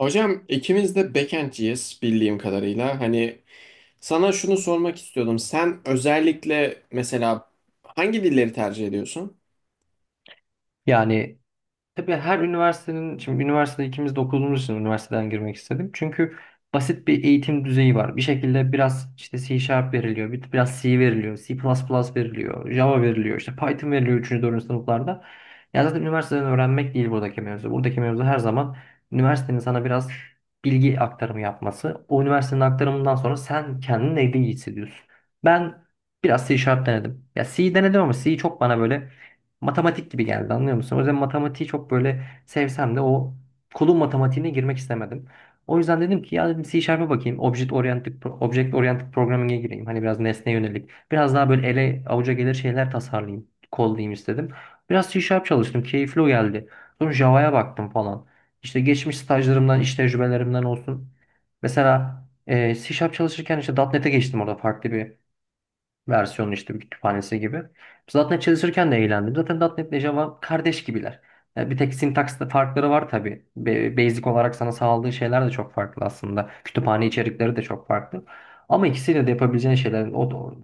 Hocam ikimiz de backendciyiz bildiğim kadarıyla. Hani sana şunu sormak istiyordum. Sen özellikle mesela hangi dilleri tercih ediyorsun? Yani tabii her üniversitenin, şimdi üniversitede ikimiz de okuduğumuz için üniversiteden girmek istedim. Çünkü basit bir eğitim düzeyi var. Bir şekilde biraz işte C Sharp veriliyor, biraz C veriliyor, C++ veriliyor, Java veriliyor, işte Python veriliyor üçüncü 4. sınıflarda. Ya zaten üniversiteden öğrenmek değil buradaki mevzu. Buradaki mevzu her zaman üniversitenin sana biraz bilgi aktarımı yapması. O üniversitenin aktarımından sonra sen kendini neyde iyi hissediyorsun? Ben biraz C Sharp denedim. Ya C denedim ama C çok bana böyle matematik gibi geldi, anlıyor musun? O yüzden matematiği çok böyle sevsem de o kulun matematiğine girmek istemedim. O yüzden dedim ki ya dedim C Sharp'a bakayım. Object Oriented, Object Oriented Programming'e gireyim. Hani biraz nesne yönelik. Biraz daha böyle ele avuca gelir şeyler tasarlayayım. Kollayayım istedim. Biraz C Sharp çalıştım. Keyifli o geldi. Sonra Java'ya baktım falan. İşte geçmiş stajlarımdan, iş tecrübelerimden olsun. Mesela C Sharp çalışırken işte .NET'e geçtim, orada farklı bir versiyonu işte, bir kütüphanesi gibi. Zaten çalışırken de eğlendim. Zaten .NET ile Java kardeş gibiler. Yani bir tek sintaksta farkları var tabii. Basic olarak sana sağladığı şeyler de çok farklı aslında. Kütüphane içerikleri de çok farklı. Ama ikisiyle de yapabileceğin şeyler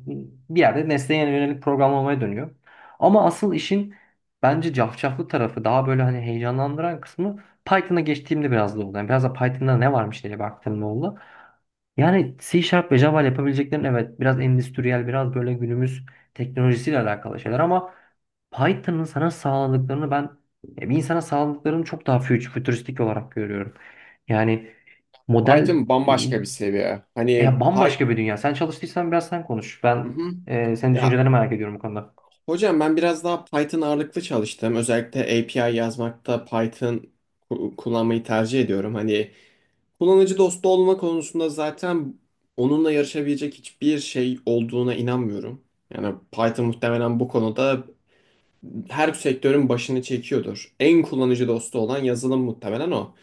bir yerde nesneye yönelik programlamaya dönüyor. Ama asıl işin bence cafcaflı tarafı, daha böyle hani heyecanlandıran kısmı, Python'a geçtiğimde biraz da oldu. Yani biraz da Python'da ne varmış diye baktığımda oldu. Yani C Sharp ve Java ile yapabileceklerin, evet, biraz endüstriyel, biraz böyle günümüz teknolojisiyle alakalı şeyler, ama Python'ın sana sağladıklarını bir insana sağladıklarını çok daha fütüristik olarak görüyorum. Yani model Python bambaşka bir seviye. Hani ya Py- bambaşka bir dünya. Sen çalıştıysan biraz sen konuş. hı hı. Senin Ya düşüncelerini merak ediyorum bu konuda. hocam ben biraz daha Python ağırlıklı çalıştım. Özellikle API yazmakta Python kullanmayı tercih ediyorum. Hani kullanıcı dostu olma konusunda zaten onunla yarışabilecek hiçbir şey olduğuna inanmıyorum. Yani Python muhtemelen bu konuda her sektörün başını çekiyordur. En kullanıcı dostu olan yazılım muhtemelen o.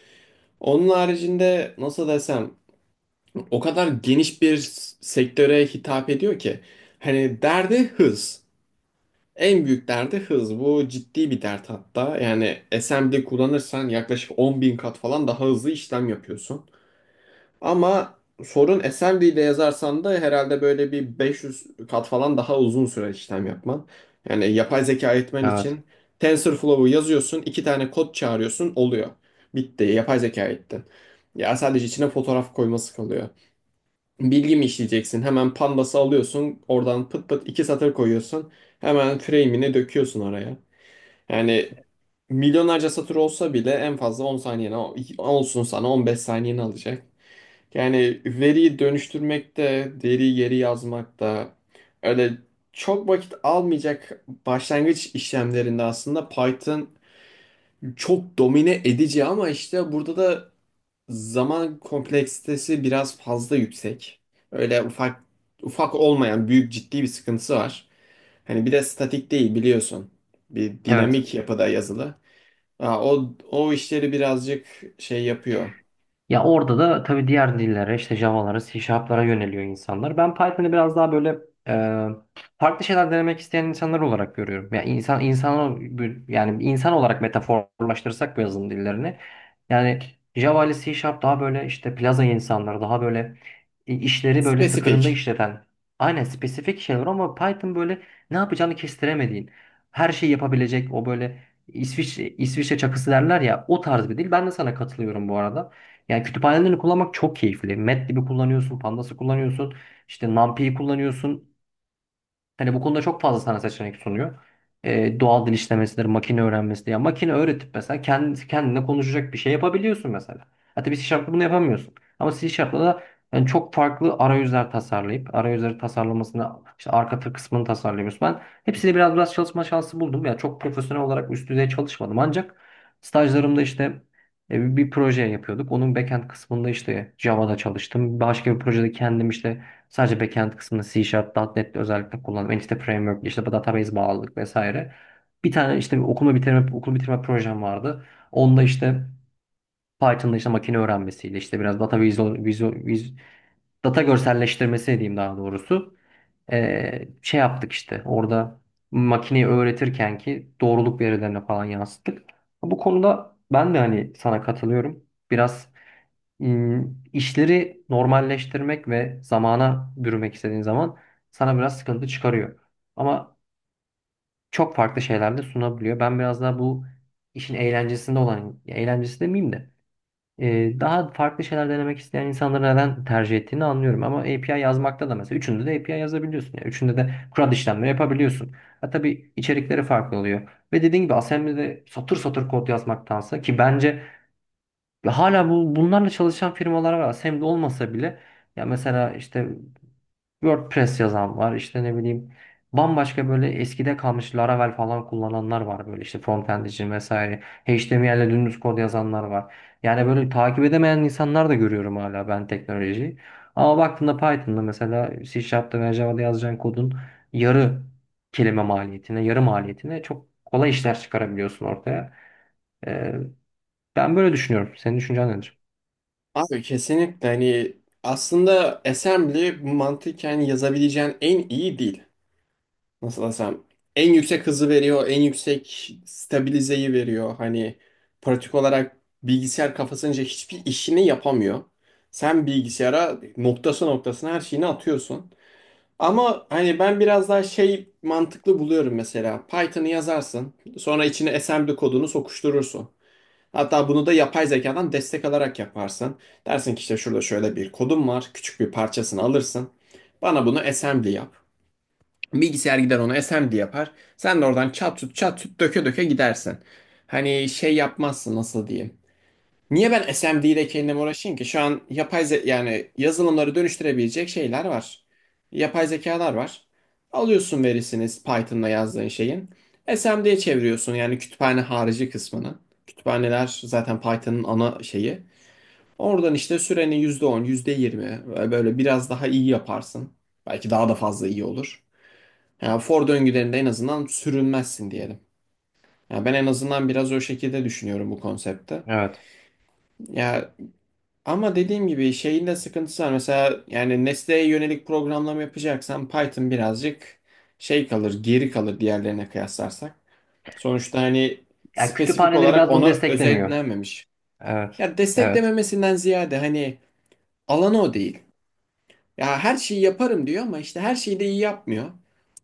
Onun haricinde nasıl desem o kadar geniş bir sektöre hitap ediyor ki. Hani derdi hız. En büyük derdi hız. Bu ciddi bir dert hatta. Yani assembly kullanırsan yaklaşık 10.000 kat falan daha hızlı işlem yapıyorsun. Ama sorun SMD ile yazarsan da herhalde böyle bir 500 kat falan daha uzun süre işlem yapman. Yani yapay zeka eğitmen Evet. için TensorFlow'u yazıyorsun, iki tane kod çağırıyorsun, oluyor. Bitti, yapay zeka eğittin. Ya sadece içine fotoğraf koyması kalıyor. Bilgi mi işleyeceksin? Hemen Pandas'ı alıyorsun, oradan pıt pıt iki satır koyuyorsun. Hemen frame'ini döküyorsun oraya. Yani milyonlarca satır olsa bile en fazla 10 saniyene olsun sana 15 saniyeni alacak. Yani veriyi dönüştürmek de, deri yeri yazmak da öyle çok vakit almayacak. Başlangıç işlemlerinde aslında Python çok domine edici ama işte burada da zaman kompleksitesi biraz fazla yüksek. Öyle ufak ufak olmayan, büyük, ciddi bir sıkıntısı var. Hani bir de statik değil biliyorsun. Bir Evet. dinamik yapıda yazılı. Aa, o işleri birazcık şey yapıyor. Ya orada da tabii diğer dillere, işte Java'lara, C Sharp'lara yöneliyor insanlar. Ben Python'ı biraz daha böyle e, farklı şeyler denemek isteyen insanlar olarak görüyorum. Ya insan insan yani insan olarak metaforlaştırırsak bu yazılım dillerini. Yani Java ile C Sharp daha böyle işte plaza insanları, daha böyle işleri böyle tıkırında Spesifik. işleten. Aynen, spesifik şeyler, ama Python böyle ne yapacağını kestiremediğin, her şeyi yapabilecek, o böyle İsviçre çakısı derler ya, o tarz bir dil. Ben de sana katılıyorum bu arada. Yani kütüphanelerini kullanmak çok keyifli. Matlab'i kullanıyorsun, Pandas'ı kullanıyorsun, işte NumPy'yi kullanıyorsun. Hani bu konuda çok fazla sana seçenek sunuyor. Doğal dil işlemesidir, makine öğrenmesi ya, makine öğretip mesela kendi, kendine konuşacak bir şey yapabiliyorsun mesela. Hatta bir C Sharp'la bunu yapamıyorsun. Ama C Sharp'la da yani çok farklı arayüzler tasarlayıp, arayüzleri tasarlamasını, işte arka tır kısmını tasarlıyoruz. Ben hepsini biraz biraz çalışma şansı buldum. Ya çok profesyonel olarak üst düzey çalışmadım. Ancak stajlarımda işte bir proje yapıyorduk. Onun backend kısmında işte Java'da çalıştım. Başka bir projede kendim işte sadece backend kısmını C Sharp, .NET'te özellikle kullandım. Entity Framework, işte bu database bağlılık vesaire. Bir tane işte bir okulu bitirme projem vardı. Onda işte Python'da işte makine öğrenmesiyle işte biraz data visual, visual, vis- data görselleştirmesi diyeyim daha doğrusu. Şey yaptık işte orada makineyi öğretirken ki doğruluk verilerine falan yansıttık. Bu konuda ben de hani sana katılıyorum. Biraz Hmm, işleri normalleştirmek ve zamana bürümek istediğin zaman sana biraz sıkıntı çıkarıyor. Ama çok farklı şeyler de sunabiliyor. Ben biraz daha bu işin eğlencesinde olan, ya eğlencesi demeyeyim de daha farklı şeyler denemek isteyen insanları neden tercih ettiğini anlıyorum. Ama API yazmakta da, mesela üçünde de API yazabiliyorsun. Yani üçünde de CRUD işlemleri yapabiliyorsun. Ha, tabii içerikleri farklı oluyor. Ve dediğim gibi assembly'de satır satır kod yazmaktansa, ki bence ve hala bunlarla çalışan firmalar var. Hem de olmasa bile ya mesela işte WordPress yazan var. İşte ne bileyim, bambaşka böyle eskide kalmış Laravel falan kullananlar var böyle, işte frontend için vesaire. HTML ile dümdüz kod yazanlar var. Yani böyle takip edemeyen insanlar da görüyorum hala ben teknolojiyi. Ama baktığında Python'da, mesela C Sharp'ta veya Java'da yazacağın kodun yarı kelime maliyetine, yarı maliyetine çok kolay işler çıkarabiliyorsun ortaya. Ee, ben böyle düşünüyorum. Senin düşüncen nedir? Abi kesinlikle hani aslında assembly mantıken yazabileceğin en iyi dil. Nasıl desem en yüksek hızı veriyor, en yüksek stabilizeyi veriyor. Hani pratik olarak bilgisayar kafasınca hiçbir işini yapamıyor. Sen bilgisayara noktası noktasına her şeyini atıyorsun. Ama hani ben biraz daha şey mantıklı buluyorum mesela. Python'ı yazarsın, sonra içine assembly kodunu sokuşturursun. Hatta bunu da yapay zekadan destek alarak yaparsın. Dersin ki işte şurada şöyle bir kodum var. Küçük bir parçasını alırsın. Bana bunu assembly yap. Bilgisayar gider onu assembly yapar. Sen de oradan çat tut çat tut döke döke gidersin. Hani şey yapmazsın, nasıl diyeyim. Niye ben SMD ile kendim uğraşayım ki? Şu an yani yazılımları dönüştürebilecek şeyler var. Yapay zekalar var. Alıyorsun verisini Python'la yazdığın şeyin. SMD'ye çeviriyorsun yani kütüphane harici kısmını. Kütüphaneler zaten Python'ın ana şeyi. Oradan işte sürenin %10, %20 böyle biraz daha iyi yaparsın. Belki daha da fazla iyi olur. Yani for döngülerinde en azından sürünmezsin diyelim. Ya ben en azından biraz o şekilde düşünüyorum bu konsepte. Evet. Ya, ama dediğim gibi şeyin de sıkıntısı var. Mesela yani nesneye yönelik programlama yapacaksan Python birazcık şey kalır, geri kalır diğerlerine kıyaslarsak. Sonuçta hani Yani spesifik kütüphaneleri olarak biraz bunu ona desteklemiyor. özetlenmemiş. Evet. Ya Evet. desteklememesinden ziyade hani alanı o değil. Ya her şeyi yaparım diyor ama işte her şeyi de iyi yapmıyor.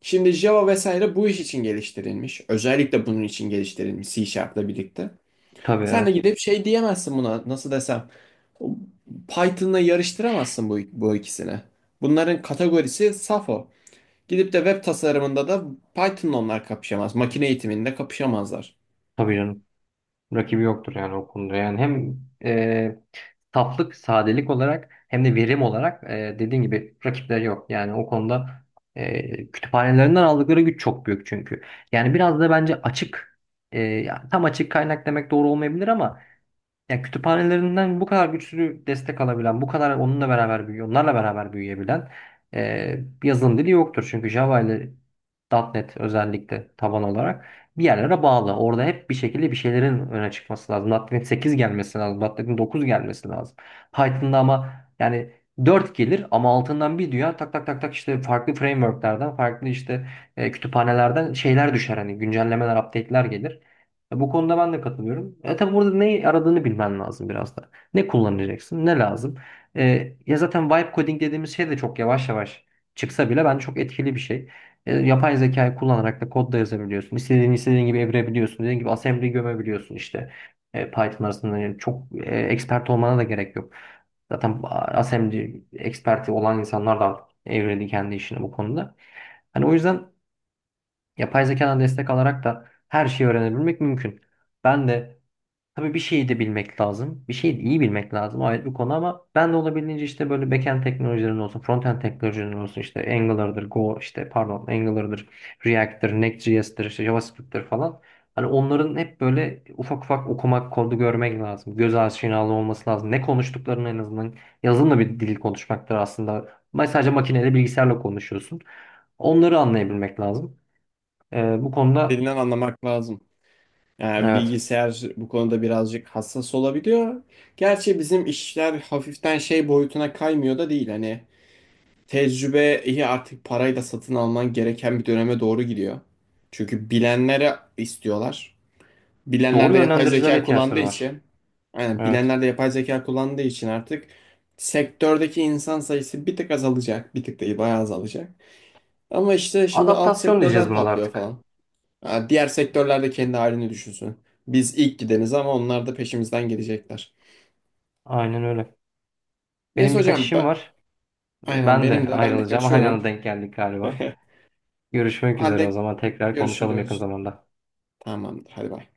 Şimdi Java vesaire bu iş için geliştirilmiş. Özellikle bunun için geliştirilmiş C Sharp'la birlikte. Tabii, Sen de evet. gidip şey diyemezsin buna, nasıl desem. Python'la yarıştıramazsın bu ikisini. Bunların kategorisi Safo. Gidip de web tasarımında da Python'la onlar kapışamaz. Makine eğitiminde kapışamazlar. Tabii canım. Rakibi yoktur yani o konuda. Yani hem e, saflık, sadelik olarak, hem de verim olarak, dediğin gibi rakipleri yok. Yani o konuda kütüphanelerinden aldıkları güç çok büyük çünkü. Yani biraz da bence ya tam açık kaynak demek doğru olmayabilir, ama ya kütüphanelerinden bu kadar güçlü destek alabilen, bu kadar onunla beraber büyüyor, onlarla beraber büyüyebilen bir yazılım dili yoktur. Çünkü Java ile .NET özellikle taban olarak bir yerlere bağlı. Orada hep bir şekilde bir şeylerin öne çıkması lazım. .NET 8 gelmesi lazım. .NET'in 9 gelmesi lazım. Python'da ama yani 4 gelir, ama altından bir dünya tak tak tak tak işte farklı frameworklerden, farklı işte kütüphanelerden şeyler düşer. Hani güncellemeler, update'ler gelir. Ya bu konuda ben de katılıyorum. E tabi burada neyi aradığını bilmen lazım biraz da. Ne kullanacaksın, ne lazım. E, ya zaten vibe coding dediğimiz şey de çok yavaş yavaş çıksa bile bence çok etkili bir şey. E, yapay zekayı kullanarak da kod da yazabiliyorsun. İstediğin gibi evirebiliyorsun. Dediğin gibi assembly gömebiliyorsun işte. E, Python arasında yani çok expert olmana da gerek yok. Zaten assembly experti olan insanlar da evredi kendi işini bu konuda. Hani o yüzden yapay zekadan destek alarak da her şeyi öğrenebilmek mümkün. Ben de tabii bir şeyi de bilmek lazım. Bir şeyi de iyi bilmek lazım. O ayrı bir konu ama ben de olabildiğince işte böyle backend teknolojilerin olsun, frontend teknolojilerin olsun, işte Angular'dır, React'tir, Next.js'tir, işte JavaScript'tir falan. Hani onların hep böyle ufak ufak okumak, kodu görmek lazım. Göz aşinalığı olması lazım. Ne konuştuklarını en azından yazılımla bir dil konuşmaktır aslında. Sadece makineyle bilgisayarla konuşuyorsun. Onları anlayabilmek lazım. Bu konuda. Dilinden anlamak lazım. Yani Evet. bilgisayar bu konuda birazcık hassas olabiliyor. Gerçi bizim işler hafiften şey boyutuna kaymıyor da değil. Hani tecrübeyi artık parayla satın alman gereken bir döneme doğru gidiyor. Çünkü bilenlere istiyorlar. Bilenler Doğru de yapay zeka yönlendiricilere kullandığı ihtiyaçları var. için, aynen, Evet. bilenler de yapay zeka kullandığı için artık sektördeki insan sayısı bir tık azalacak. Bir tık değil, bayağı azalacak. Ama işte şimdi alt Adaptasyon diyeceğiz sektörler buna da patlıyor artık. falan. Ha, diğer sektörler de kendi halini düşünsün. Biz ilk gideniz ama onlar da peşimizden gelecekler. Aynen öyle. Neyse Benim birkaç hocam, işim var. aynen, Ben benim de de, ben de ayrılacağım. Aynı kaçıyorum. anda denk geldik galiba. O Görüşmek üzere, halde o zaman tekrar konuşalım yakın görüşürüz. zamanda. Tamamdır, hadi bay.